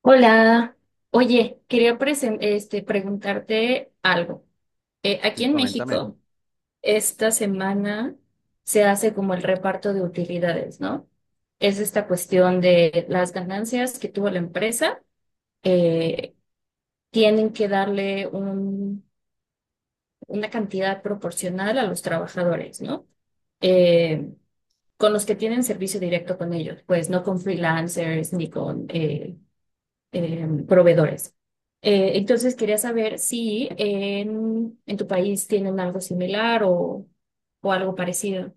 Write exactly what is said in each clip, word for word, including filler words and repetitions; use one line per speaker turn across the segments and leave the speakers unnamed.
Hola, oye, quería presen- este, preguntarte algo. Eh, aquí
Sí,
en
coméntame.
México, esta semana se hace como el reparto de utilidades, ¿no? Es esta cuestión de las ganancias que tuvo la empresa, eh, Tienen que darle un- una cantidad proporcional a los trabajadores, ¿no? Eh, con los que tienen servicio directo con ellos, pues no con freelancers ni con eh, eh, proveedores. Eh, entonces quería saber si en, en tu país tienen algo similar o, o, algo parecido.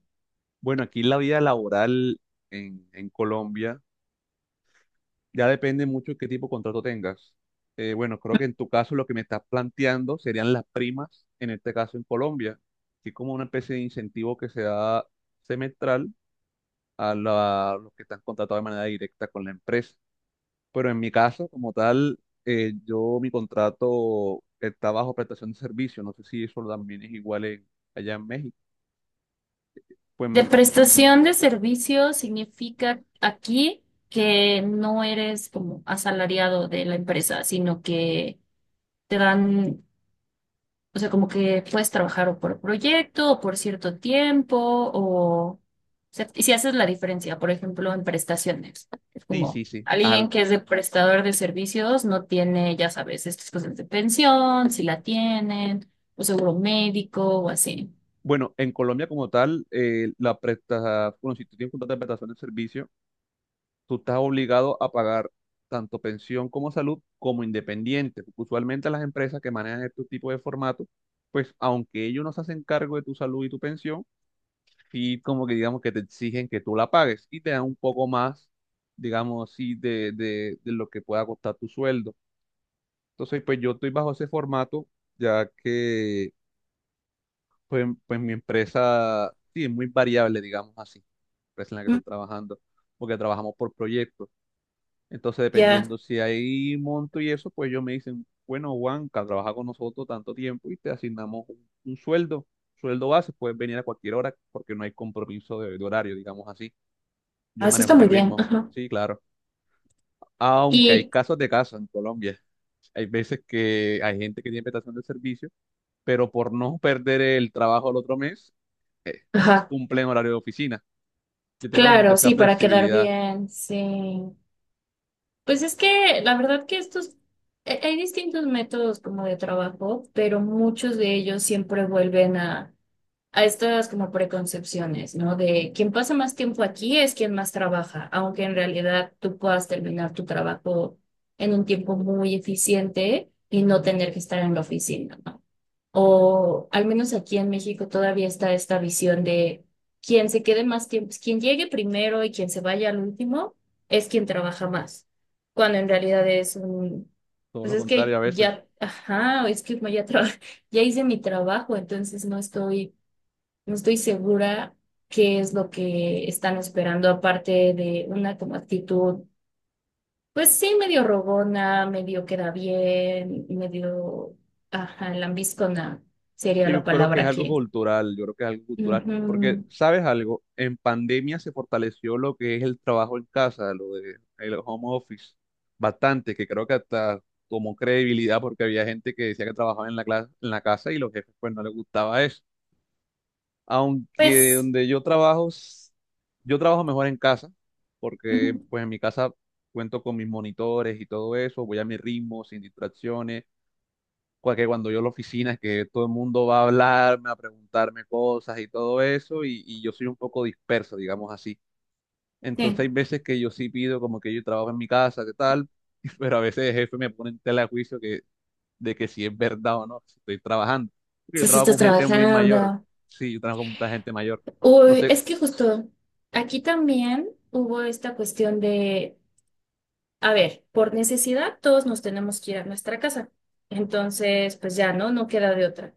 Bueno, aquí la vida laboral en, en Colombia ya depende mucho de qué tipo de contrato tengas. Eh, bueno, creo que en tu caso lo que me estás planteando serían las primas, en este caso en Colombia, así como una especie de incentivo que se da semestral a la- los que están contratados de manera directa con la empresa. Pero en mi caso, como tal, eh, yo mi contrato está bajo prestación de servicio. No sé si eso también es igual en- allá en México. Pues
De
mm,
prestación de servicios significa aquí que no eres como asalariado de la empresa, sino que te dan. O sea, como que puedes trabajar o por proyecto o por cierto tiempo o, o sea, y si haces la diferencia, por ejemplo, en prestaciones. Es
sí,
como
sí, sí.
alguien que es de prestador de servicios no tiene, ya sabes, estas cosas de pensión, si la tienen, o seguro médico o así.
Bueno, en Colombia como tal, eh, la presta, bueno, si tú tienes un contrato de prestación de servicio, tú estás obligado a pagar tanto pensión como salud como independiente. Usualmente las empresas que manejan este tipo de formato, pues aunque ellos no se hacen cargo de tu salud y tu pensión, sí como que digamos que te exigen que tú la pagues y te dan un poco más, digamos así, de, de de lo que pueda costar tu sueldo. Entonces, pues yo estoy bajo ese formato, ya que Pues, pues mi empresa, sí, es muy variable, digamos así, la empresa en la que
Mm,
estoy trabajando, porque trabajamos por proyectos. Entonces,
ya,
dependiendo si hay monto y eso, pues ellos me dicen, bueno, Juanca, trabaja con nosotros tanto tiempo y te asignamos un, un sueldo, sueldo base, puedes venir a cualquier hora porque no hay compromiso de, de horario, digamos así. Yo
así
manejo
está
mi
muy bien.
ritmo,
Ajá.
sí, claro. Aunque hay
Y,
casos de casos en Colombia. Hay veces que hay gente que tiene prestación de servicio, pero por no perder el trabajo el otro mes, eh,
ajá,
cumplen horario de oficina, que tengan como que
claro,
esa
sí, para quedar
flexibilidad,
bien, sí. Pues es que la verdad que estos, eh, hay distintos métodos como de trabajo, pero muchos de ellos siempre vuelven a, a estas como preconcepciones, ¿no? De quien pasa más tiempo aquí es quien más trabaja, aunque en realidad tú puedas terminar tu trabajo en un tiempo muy eficiente y no tener que estar en la oficina, ¿no? O al menos aquí en México todavía está esta visión de quien se quede más tiempo, quien llegue primero y quien se vaya al último es quien trabaja más, cuando en realidad es un,
todo
pues
lo
es
contrario
que
a veces.
ya, ajá, es que ya traba- ya hice mi trabajo, entonces no estoy, no estoy segura qué es lo que están esperando, aparte de una como actitud pues sí, medio rogona, medio queda bien, medio, ajá, lambiscona sería
Y
la
yo creo que
palabra
es algo
aquí.
cultural, yo creo que es algo cultural, porque,
Ujú.
¿sabes algo? En pandemia se fortaleció lo que es el trabajo en casa, lo de el home office, bastante, que creo que hasta tomó credibilidad porque había gente que decía que trabajaba en la, cla- en la casa y los jefes pues no les gustaba eso. Aunque
Pues,
donde yo trabajo, s- yo trabajo mejor en casa, porque
ujú,
pues en mi casa cuento con mis monitores y todo eso, voy a mi ritmo, sin distracciones, cua- que cuando yo a la oficina es que todo el mundo va a hablarme, a preguntarme cosas y todo eso, y, y yo soy un poco disperso, digamos así.
sí.
Entonces hay veces que yo sí pido como que yo trabajo en mi casa, ¿qué tal? Pero a veces el jefe me pone en tela de juicio que, de que si es verdad o no, si estoy trabajando. Porque yo
Sí, sí,
trabajo
estás
con gente muy mayor,
trabajando.
sí, yo trabajo con mucha gente mayor. No
Uy,
sé.
es que justo aquí también hubo esta cuestión de, a ver, por necesidad todos nos tenemos que ir a nuestra casa. Entonces, pues ya, ¿no? No queda de otra.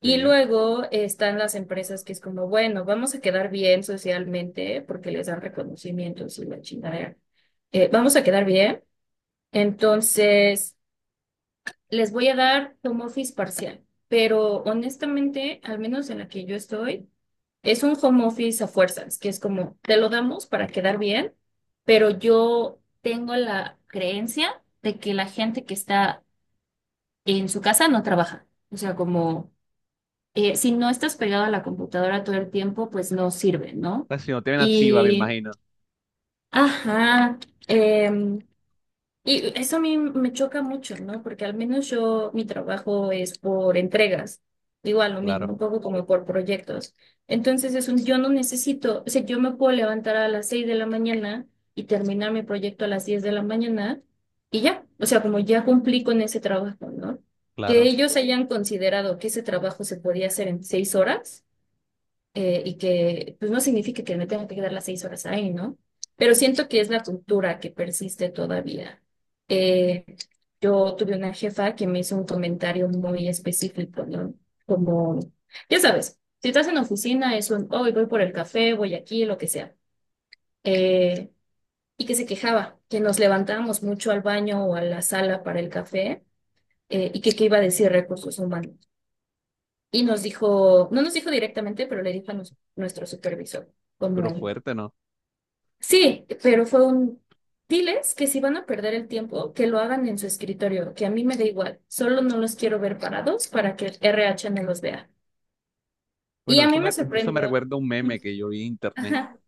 Y
Sí.
luego están las empresas que es como, bueno, vamos a quedar bien socialmente porque les dan reconocimientos y la chingadera. Eh, vamos a quedar bien. Entonces, les voy a dar home office parcial. Pero honestamente, al menos en la que yo estoy, es un home office a fuerzas, que es como, te lo damos para quedar bien, pero yo tengo la creencia de que la gente que está en su casa no trabaja. O sea, como eh, si no estás pegado a la computadora todo el tiempo, pues no sirve, ¿no?
La si no te ven activa, me
Sí. Y,
imagino.
ajá, em, y eso a mí me choca mucho, ¿no? Porque al menos yo, mi trabajo es por entregas, igual lo mismo,
Claro,
un poco como por proyectos. Entonces, es un- yo no necesito, o sea, yo me puedo levantar a las seis de la mañana y terminar mi proyecto a las diez de la mañana y ya, o sea, como ya cumplí con ese trabajo, ¿no? Que
claro.
ellos hayan considerado que ese trabajo se podía hacer en seis horas eh, y que pues no significa que me tenga que quedar las seis horas ahí, ¿no? Pero siento que es la cultura que persiste todavía. Eh, yo tuve una jefa que me hizo un comentario muy específico, ¿no? Como, ya sabes, si estás en la oficina es un, hoy voy por el café, voy aquí, lo que sea. Eh, y que se quejaba, que nos levantábamos mucho al baño o a la sala para el café, eh, y que qué iba a decir recursos humanos. Y nos dijo, no nos dijo directamente, pero le dijo a nos- nuestro supervisor, como,
Pero fuerte, ¿no?
sí, pero fue un, diles que si van a perder el tiempo, que lo hagan en su escritorio, que a mí me da igual, solo no los quiero ver parados para que el R H no los vea. Y
Bueno,
a
eso
mí me
me, eso me
sorprendió,
recuerda a un meme que yo vi en internet,
ajá,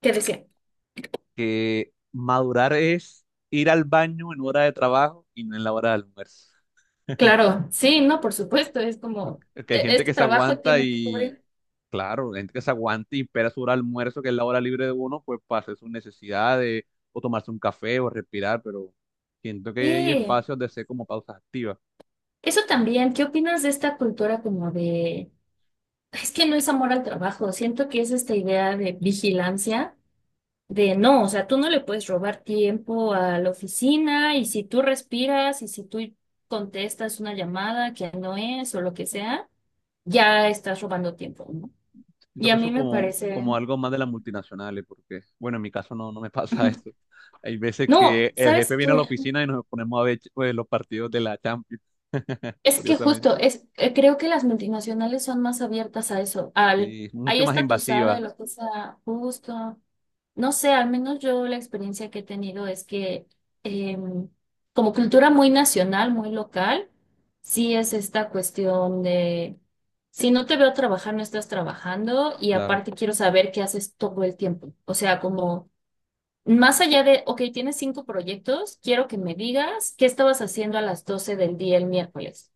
que decía,
que madurar es ir al baño en hora de trabajo y no en la hora de almuerzo.
claro, sí, no, por supuesto, es como,
Es que hay
"E-
gente que
este
se
trabajo
aguanta
tiene que
y,
cubrir."
claro, gente que se aguanta y espera su hora de almuerzo, que es la hora libre de uno, pues para hacer sus necesidades, o tomarse un café, o respirar, pero siento que hay
Sí,
espacios de hacer como pausas activas.
eso también, ¿qué opinas de esta cultura como de, es que no es amor al trabajo, siento que es esta idea de vigilancia de no, o sea, tú no le puedes robar tiempo a la oficina y si tú respiras y si tú contestas una llamada que no es o lo que sea, ya estás robando tiempo, ¿no?
Yo creo
Y
que
a mí
eso
me
como,
parece,
como algo más de las multinacionales, porque, bueno, en mi caso no, no me pasa eso. Hay veces
no,
que el jefe
¿sabes
viene
tú?
a la oficina y nos ponemos a ver pues, los partidos de la Champions,
Es que
curiosamente.
justo, es, eh, creo que las multinacionales son más abiertas a eso, al,
Sí,
ahí
mucho más
está tu sala y
invasiva,
lo que sea justo. No sé, al menos yo la experiencia que he tenido es que em, como cultura muy nacional, muy local, sí es esta cuestión de, si no te veo trabajar, no estás trabajando y
claro,
aparte quiero saber qué haces todo el tiempo. O sea, como más allá de, ok, tienes cinco proyectos, quiero que me digas qué estabas haciendo a las doce del día el miércoles.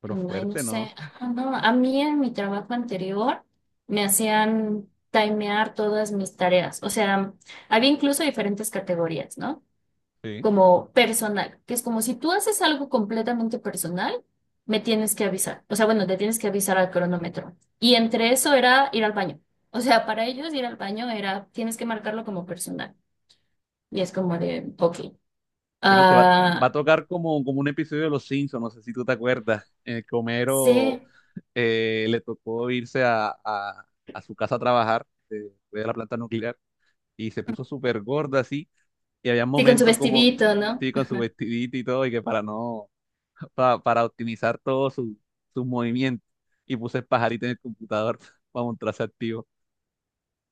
pero
Ay, no
fuerte, ¿no?
sé. Ah, no, a mí en mi trabajo anterior me hacían timear todas mis tareas. O sea, había incluso diferentes categorías, ¿no?
Sí.
Como personal, que es como si tú haces algo completamente personal, me tienes que avisar. O sea, bueno, te tienes que avisar al cronómetro. Y entre eso era ir al baño. O sea, para ellos ir al baño era, tienes que marcarlo como personal. Y es como de, ok.
Pero te va, va a
Ah,
tocar como, como un episodio de Los Simpsons, no sé si tú te acuerdas, en el que Homero
sí,
eh, le tocó irse a, a- a su casa a trabajar eh, después de la planta nuclear y se puso súper gorda así. Y había
sí, con su
momentos como,
vestidito, ¿no?
sí, con su vestidito y todo, y que para no, para, para optimizar todos sus sus movimientos. Y puse el pajarito en el computador para mostrarse activo.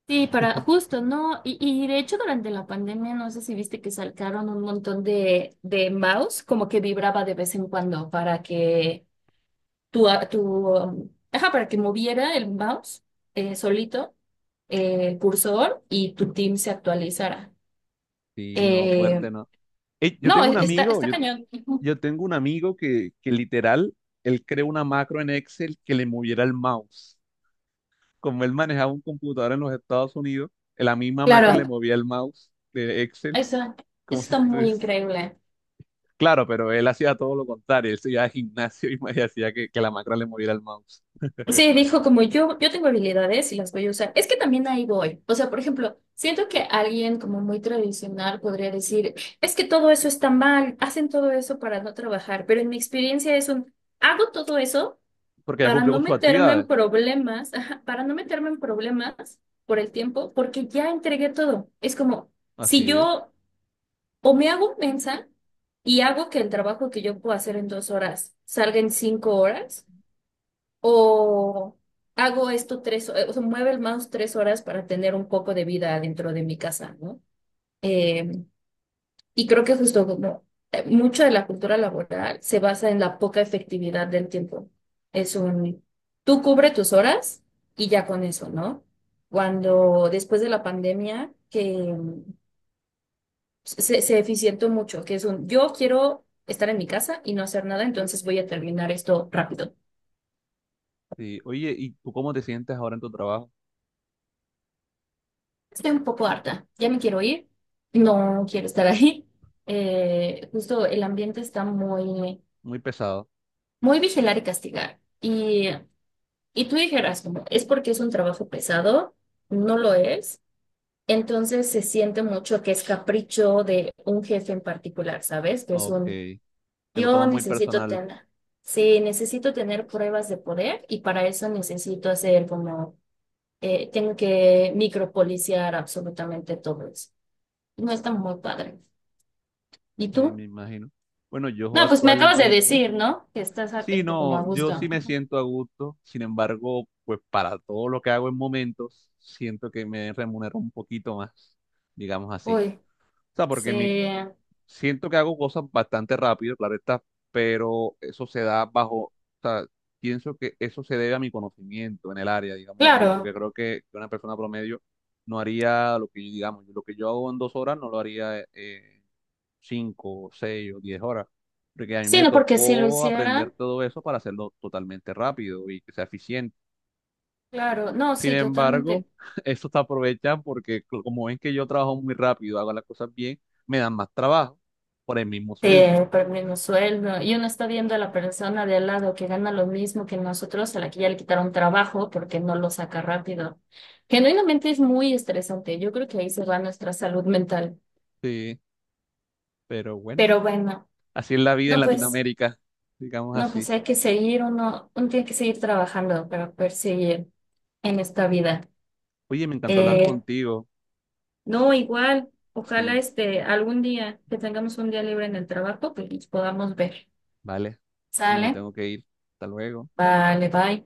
Sí, para justo, ¿no? Y, y de hecho durante la pandemia, no sé si viste que sacaron un montón de, de, mouse, como que vibraba de vez en cuando para que tu, a- tu, um, ajá, para que moviera el mouse eh, solito, eh, el cursor y tu team se actualizara.
Sí, no, fuerte,
Eh,
¿no? Ey, yo
no,
tengo un
e- está,
amigo,
está
yo,
cañón. Ujú.
yo tengo un amigo que, que literal, él creó una macro en Excel que le moviera el mouse. Como él manejaba un computador en los Estados Unidos, la misma macro le
Claro,
movía el mouse de Excel,
eso, eso
como si
está
tú.
muy increíble.
Claro, pero él hacía todo lo contrario, él se iba al gimnasio y y hacía que, que la macra le muriera al mouse.
Sí, dijo como yo, yo tengo habilidades y las voy a usar. Es que también ahí voy. O sea, por ejemplo, siento que alguien como muy tradicional podría decir, es que todo eso está mal, hacen todo eso para no trabajar, pero en mi experiencia es un, hago todo eso
Porque ya
para
cumplió
no
con sus
meterme en
actividades.
problemas, ajá, para no meterme en problemas por el tiempo, porque ya entregué todo. Es como, si
Así es.
yo o me hago mensa y hago que el trabajo que yo puedo hacer en dos horas salga en cinco horas. O hago esto tres, eh, o sea, mueve el mouse tres horas para tener un poco de vida dentro de mi casa, ¿no? Eh, y creo que justo como eh, mucha de la cultura laboral se basa en la poca efectividad del tiempo. Es un, tú cubre tus horas y ya con eso, ¿no? Cuando después de la pandemia, que mm, se, se eficientó mucho, que es un, yo quiero estar en mi casa y no hacer nada, entonces voy a terminar esto rápido.
Sí. Oye, ¿y tú cómo te sientes ahora en tu trabajo?
Estoy un poco harta, ya me quiero ir, no quiero estar ahí. Eh, justo el ambiente está muy,
Muy pesado.
muy vigilar y castigar. Y, y tú dijeras, como, es porque es un trabajo pesado, no lo es. Entonces se siente mucho que es capricho de un jefe en particular, ¿sabes? Que es
Ok.
un,
Te lo
yo
tomas muy
necesito
personal,
tener, sí, necesito tener pruebas de poder y para eso necesito hacer como, eh, tengo que micropoliciar absolutamente todo eso. No está muy padre. ¿Y
sí,
tú?
me imagino. Bueno, yo
No, pues me acabas de
actualmente,
decir, ¿no? Que estás a-
sí,
este, como a
no, yo sí
gusto.
me siento a gusto. Sin embargo, pues para todo lo que hago en momentos, siento que me remunero un poquito más, digamos así.
Uy,
O sea, porque en mi.
sí,
Siento que hago cosas bastante rápido, claro está, pero eso se da bajo, o sea, pienso que eso se debe a mi conocimiento en el área, digamos así, porque
claro.
creo que una persona promedio no haría lo que, digamos, lo que yo hago en dos horas no lo haría eh, en cinco, seis o diez horas, porque a mí
Sí,
me
no, porque si lo
tocó aprender
hicieran,
todo eso para hacerlo totalmente rápido y que sea eficiente.
claro. No,
Sin
sí,
embargo,
totalmente.
eso te aprovechan porque como ven que yo trabajo muy rápido, hago las cosas bien, me dan más trabajo por el mismo sueldo.
Te por el mismo sueldo. Y uno está viendo a la persona de al lado que gana lo mismo que nosotros, a la que ya le quitaron trabajo porque no lo saca rápido. Genuinamente es muy estresante. Yo creo que ahí se va nuestra salud mental.
Sí, pero bueno,
Pero bueno,
así es la vida en
no, pues,
Latinoamérica, digamos
no,
así.
pues hay que seguir, uno, uno tiene que seguir trabajando para perseguir en esta vida.
Oye, me encantó hablar
Eh,
contigo.
no, igual, ojalá
Sí,
este algún día que tengamos un día libre en el trabajo, pues nos podamos ver.
vale. Sí, me
¿Sale?
tengo que ir. Hasta luego.
Vale, bye.